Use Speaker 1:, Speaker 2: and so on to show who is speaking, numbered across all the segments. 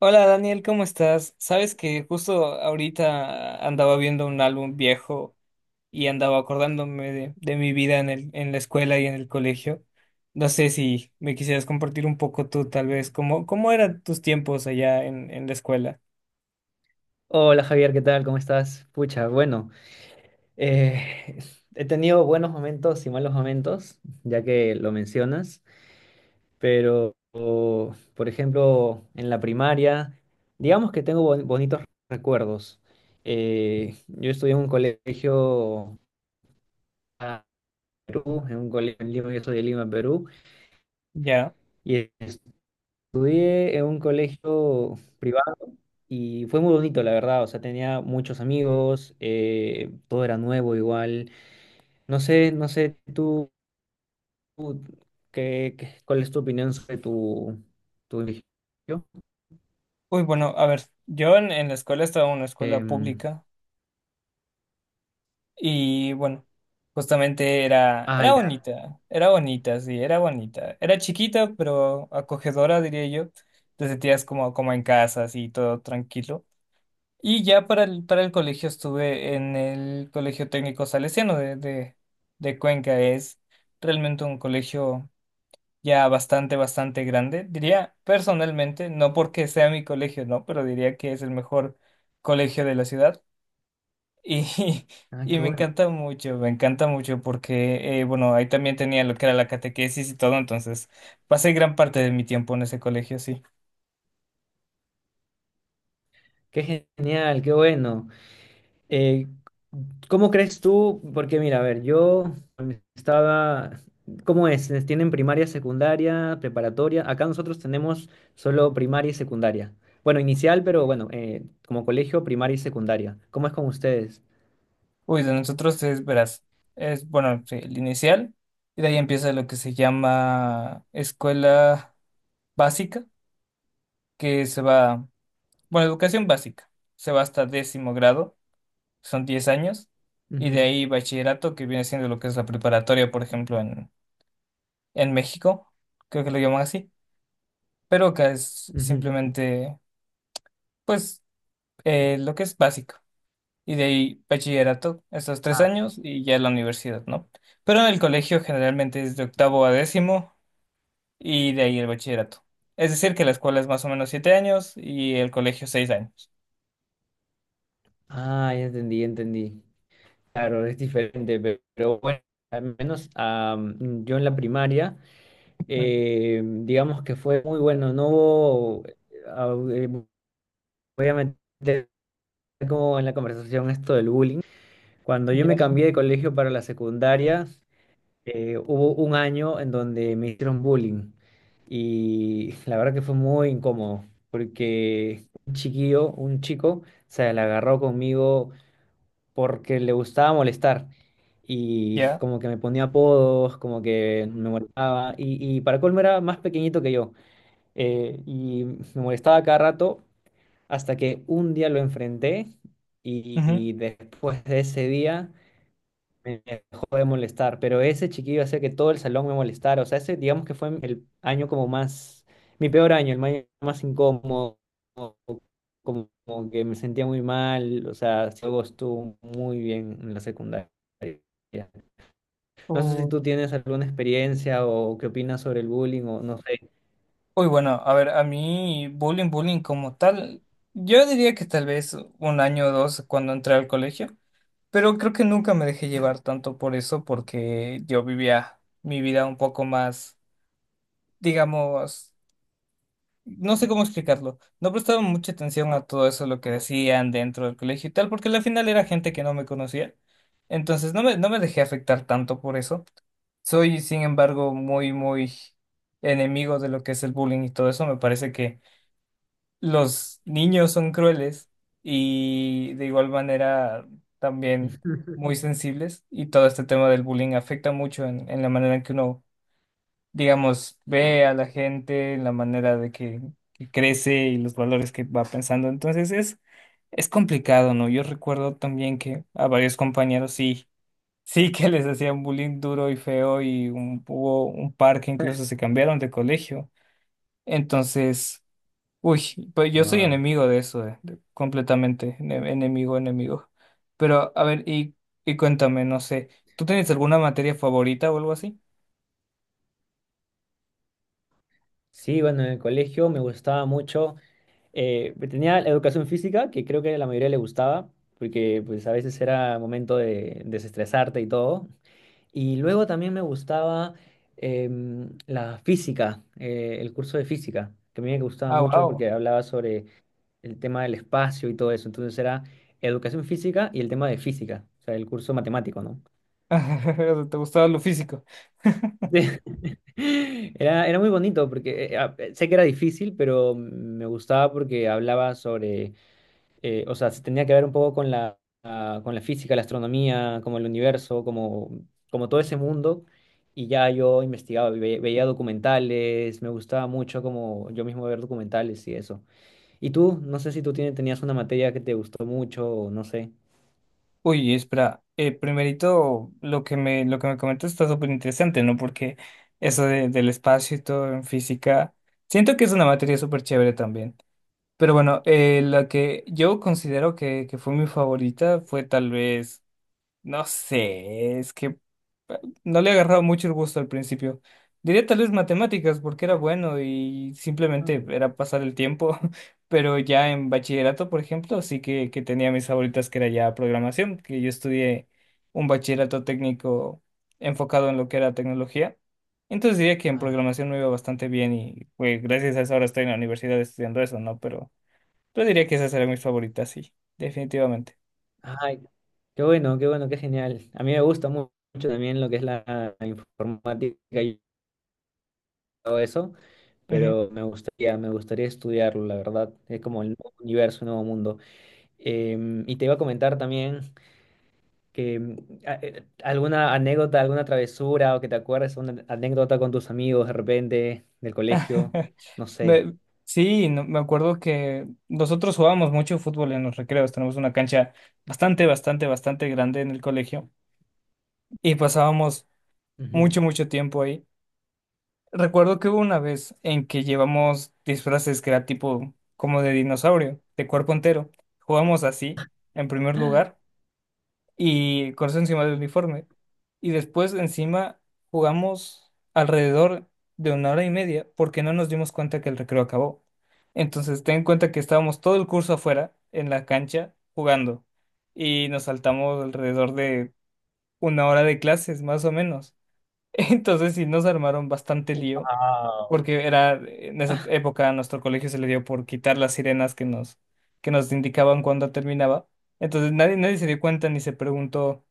Speaker 1: Hola Daniel, ¿cómo estás? Sabes que justo ahorita andaba viendo un álbum viejo y andaba acordándome de mi vida en la escuela y en el colegio. No sé si me quisieras compartir un poco tú, tal vez, cómo eran tus tiempos allá en la escuela.
Speaker 2: Hola Javier, ¿qué tal? ¿Cómo estás? Pucha, bueno, eh, he tenido buenos momentos y malos momentos, ya que lo mencionas, pero por ejemplo, en la primaria, digamos que tengo bonitos recuerdos. Yo estudié en un colegio acá en Perú, en un colegio en Lima. Yo soy de Lima, Perú,
Speaker 1: Ya.
Speaker 2: y estudié en un colegio privado, y fue muy bonito, la verdad. O sea, tenía muchos amigos, todo era nuevo igual. No sé tú. tú ¿Cuál es tu opinión sobre tu religión?
Speaker 1: Uy, bueno, a ver, yo en la escuela estaba en una escuela
Speaker 2: Em,
Speaker 1: pública. Y bueno, justamente era,
Speaker 2: ah,
Speaker 1: era
Speaker 2: ya.
Speaker 1: bonita, era bonita, sí, era bonita. Era chiquita, pero acogedora, diría yo. Te sentías como en casa, así, todo tranquilo. Y ya para el colegio estuve en el Colegio Técnico Salesiano de Cuenca. Es realmente un colegio ya bastante grande. Diría personalmente, no porque sea mi colegio, no, pero diría que es el mejor colegio de la ciudad. Y,
Speaker 2: Ah,
Speaker 1: y
Speaker 2: qué bueno,
Speaker 1: me encanta mucho porque, bueno, ahí también tenía lo que era la catequesis y todo, entonces pasé gran parte de mi tiempo en ese colegio, sí.
Speaker 2: qué genial, qué bueno. Eh, ¿Cómo crees tú? Porque mira, a ver, yo estaba, ¿cómo es? ¿Les ¿Tienen primaria, secundaria, preparatoria? Acá nosotros tenemos solo primaria y secundaria. Bueno, inicial, pero bueno, como colegio, primaria y secundaria. ¿Cómo es con ustedes?
Speaker 1: Uy, de nosotros es, verás, es, bueno, sí, el inicial, y de ahí empieza lo que se llama escuela básica, que se va, bueno, educación básica, se va hasta décimo grado, son 10 años, y
Speaker 2: Ujú,
Speaker 1: de ahí bachillerato, que viene siendo lo que es la preparatoria, por ejemplo, en México, creo que lo llaman así, pero acá es
Speaker 2: ujú.
Speaker 1: simplemente, pues, lo que es básico. Y de ahí bachillerato, esos 3 años y ya la universidad, ¿no? Pero en el colegio generalmente es de octavo a décimo y de ahí el bachillerato. Es decir, que la escuela es más o menos 7 años y el colegio 6 años.
Speaker 2: Ah, ya entendí, ya entendí. Claro, es diferente, pero bueno, al menos yo en la primaria,
Speaker 1: Ujú.
Speaker 2: digamos que fue muy bueno. No hubo, voy a meter como conversación esto. Cuando yo
Speaker 1: Ya,
Speaker 2: me cambié de colegio para la secundaria, hubo un año en donde me hicieron bullying, y la verdad que fue muy incómodo porque un chiquillo, un chico, se le agarró conmigo porque le gustaba molestar, y
Speaker 1: ya.
Speaker 2: como que me ponía apodos, como que me molestaba, y para colmo era más pequeñito que yo. Y me molestaba cada rato hasta que un día lo enfrenté,
Speaker 1: Ujú.
Speaker 2: y después de ese día me dejó de molestar. Pero ese chiquillo hacía que todo el salón me molestara. O sea, ese digamos que fue el año como más, mi peor año, el año más incómodo, como, como que me sentía muy mal. O sea, luego estuvo muy bien en la secundaria. No sé si
Speaker 1: Uy,
Speaker 2: tú tienes alguna experiencia o qué opinas sobre el bullying, o no sé.
Speaker 1: uy, bueno, a ver, a mí bullying, bullying como tal, yo diría que tal vez un año o dos cuando entré al colegio. Pero creo que nunca me dejé llevar tanto por eso porque yo vivía mi vida un poco más, digamos. No sé cómo explicarlo. No prestaba mucha atención a todo eso, lo que decían dentro del colegio y tal, porque al final era gente que no me conocía. Entonces no me dejé afectar tanto por eso. Soy, sin embargo, muy, muy enemigo de lo que es el bullying y todo eso. Me parece que los niños son crueles y de igual manera también muy sensibles, y todo este tema del bullying afecta mucho en la manera en que uno, digamos, ve a la gente, en la manera de que crece y los valores que va pensando. Entonces es complicado, ¿no? Yo recuerdo también que a varios compañeros sí. Sí que les hacían bullying duro y feo, y hubo un par que incluso se cambiaron de colegio. Entonces, uy, pues yo soy
Speaker 2: Wow.
Speaker 1: enemigo de eso, completamente, enemigo, enemigo. Pero, a ver, y cuéntame, no sé, ¿tú tienes alguna materia favorita o algo así?
Speaker 2: Sí, bueno, en el colegio me gustaba mucho. Tenía la educación física, que creo que a la mayoría le gustaba, porque pues a veces era momento de desestresarte y todo. Y luego también me gustaba la física, el curso de física, que a mí me gustaba
Speaker 1: Ah,
Speaker 2: mucho
Speaker 1: wow.
Speaker 2: porque hablaba sobre el tema del espacio y todo eso. Entonces era educación física y el tema de física, o sea, el curso matemático, ¿no?
Speaker 1: ¿Te gustaba lo físico?
Speaker 2: Era muy bonito porque sé que era difícil, pero me gustaba porque hablaba sobre o sea, se tenía que ver un poco con la, con la física, la astronomía, como el universo, como todo ese mundo. Y ya yo investigaba, veía documentales, me gustaba mucho como yo mismo ver documentales y eso. ¿Y tú? No sé si tenías una materia que te gustó mucho, o no sé.
Speaker 1: Uy, espera, primerito, lo que me comentas está súper interesante, ¿no? Porque eso del espacio y todo en física, siento que es una materia súper chévere también. Pero bueno, la que yo considero que fue mi favorita fue tal vez. No sé, es que no le agarraba mucho el gusto al principio. Diría tal vez matemáticas, porque era bueno y simplemente
Speaker 2: Ah,
Speaker 1: era pasar el tiempo, pero ya en bachillerato, por ejemplo, sí que tenía mis favoritas, que era ya programación, que yo estudié un bachillerato técnico enfocado en lo que era tecnología. Entonces diría que en
Speaker 2: ah,
Speaker 1: programación me iba bastante bien y pues gracias a eso ahora estoy en la universidad estudiando eso, ¿no? Pero diría que esas eran mis favoritas, sí, definitivamente.
Speaker 2: ay, qué bueno, qué bueno, qué genial. A mí me gusta mucho también lo que es la informática y todo eso, pero me gustaría estudiarlo, la verdad. Es como el nuevo universo, un nuevo mundo. Y te iba a comentar también que alguna anécdota, alguna travesura o que te acuerdes, una anécdota con tus amigos de repente del colegio, no sé.
Speaker 1: Me- sí, me acuerdo que nosotros jugábamos mucho fútbol en los recreos. Tenemos una cancha bastante, bastante, bastante grande en el colegio y pasábamos
Speaker 2: Ujú.
Speaker 1: mucho, mucho tiempo ahí. Recuerdo que hubo una vez en que llevamos disfraces que era tipo como de dinosaurio, de cuerpo entero. Jugamos así, en primer lugar y con eso encima del uniforme. Y después encima jugamos alrededor de 1 hora y media porque no nos dimos cuenta que el recreo acabó. Entonces ten en cuenta que estábamos todo el curso afuera, en la cancha, jugando. Y nos saltamos alrededor de 1 hora de clases, más o menos. Entonces sí nos armaron bastante lío,
Speaker 2: Guau.
Speaker 1: porque era, en esa época a nuestro colegio se le dio por quitar las sirenas que nos indicaban cuándo terminaba. Entonces nadie se dio cuenta ni se preguntó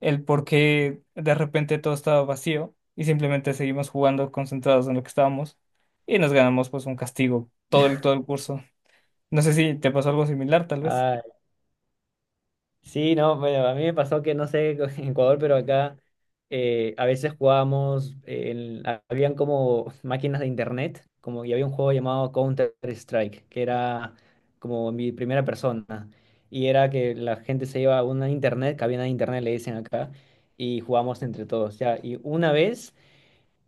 Speaker 1: el por qué de repente todo estaba vacío, y simplemente seguimos jugando concentrados en lo que estábamos y nos ganamos pues un castigo todo el curso. No sé si te pasó algo similar, tal vez.
Speaker 2: Sí, no, bueno, a mí me pasó que no sé en Ecuador, pero acá a veces jugábamos, habían como máquinas de internet, como y había un juego llamado Counter-Strike, que era como mi primera persona. Y era que la gente se iba a una internet, cabina de internet le dicen acá, y jugábamos entre todos, ya. Y una vez...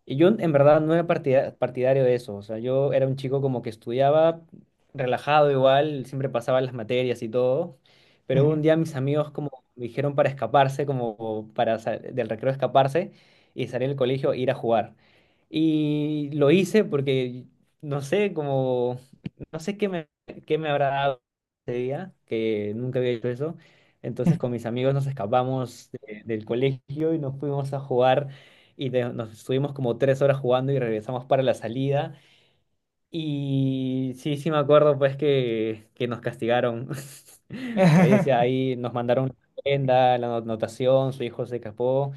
Speaker 2: Y yo en verdad no era partidario de eso. O sea, yo era un chico como que estudiaba relajado igual, siempre pasaba las materias y todo, pero un
Speaker 1: Ujú.
Speaker 2: día mis amigos como me dijeron para escaparse, como para del recreo escaparse y salir del colegio e ir a jugar. Y lo hice porque, no sé, como no sé qué me habrá dado ese día, que nunca había hecho eso. Entonces con mis amigos nos escapamos del colegio y nos fuimos a jugar, y nos estuvimos como 3 horas jugando y regresamos para la salida. Y sí, sí me acuerdo pues que nos castigaron. Por ahí decía, ahí nos mandaron la prenda, la anotación, su hijo se escapó.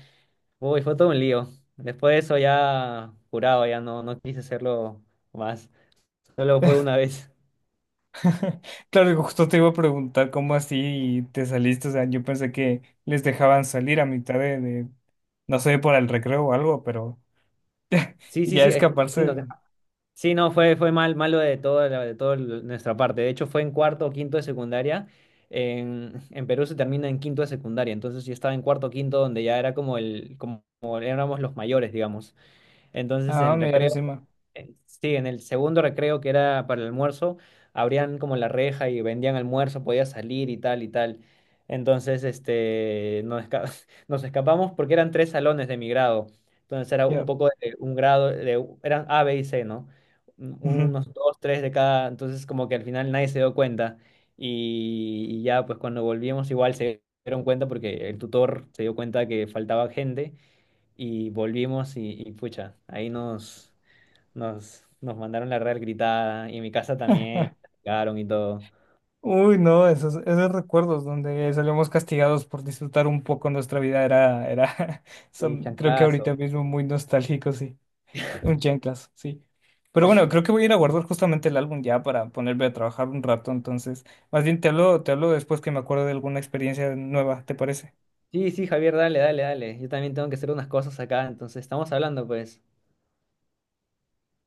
Speaker 2: Uy, fue todo un lío. Después de eso ya curado, ya no, no quise hacerlo más. Solo fue una vez.
Speaker 1: Claro, y justo te iba a preguntar cómo así te saliste. O sea, yo pensé que les dejaban salir a mitad de no sé, por el recreo o algo, pero
Speaker 2: Sí, sí,
Speaker 1: ya
Speaker 2: sí, es sí,
Speaker 1: escaparse.
Speaker 2: sí, no, fue malo de nuestra parte. De hecho, fue en cuarto o quinto de secundaria. En Perú se termina en quinto de secundaria, entonces yo estaba en cuarto o quinto, donde ya era como el, como como éramos los mayores, digamos. Entonces en
Speaker 1: Ah,
Speaker 2: el
Speaker 1: mira,
Speaker 2: recreo
Speaker 1: encima.
Speaker 2: sí, en el segundo recreo, que era para el almuerzo, abrían como la reja y vendían almuerzo, podía salir y tal y tal. Entonces, nos escapamos porque eran tres salones de mi grado. Entonces era un
Speaker 1: Ya.
Speaker 2: poco de un grado, eran A, B y C, ¿no?
Speaker 1: Ujú.
Speaker 2: Unos dos, tres de cada. Entonces, como que al final nadie se dio cuenta. Y ya, pues cuando volvimos, igual se dieron cuenta porque el tutor se dio cuenta que faltaba gente, y volvimos y, pucha, ahí nos. Nos mandaron la real gritada, y en mi casa también sacaron y todo.
Speaker 1: Uy, no, esos recuerdos donde salíamos castigados por disfrutar un poco nuestra vida
Speaker 2: Y
Speaker 1: son, creo que
Speaker 2: chanclazo.
Speaker 1: ahorita mismo muy nostálgicos, sí. Un chanclas, sí. Pero bueno, creo que voy a ir a guardar justamente el álbum ya para ponerme a trabajar un rato, entonces más bien te hablo después, que me acuerdo de alguna experiencia nueva, ¿te parece?
Speaker 2: Sí, sí, Javier, dale, dale, dale. Yo también tengo que hacer unas cosas acá, entonces estamos hablando, pues.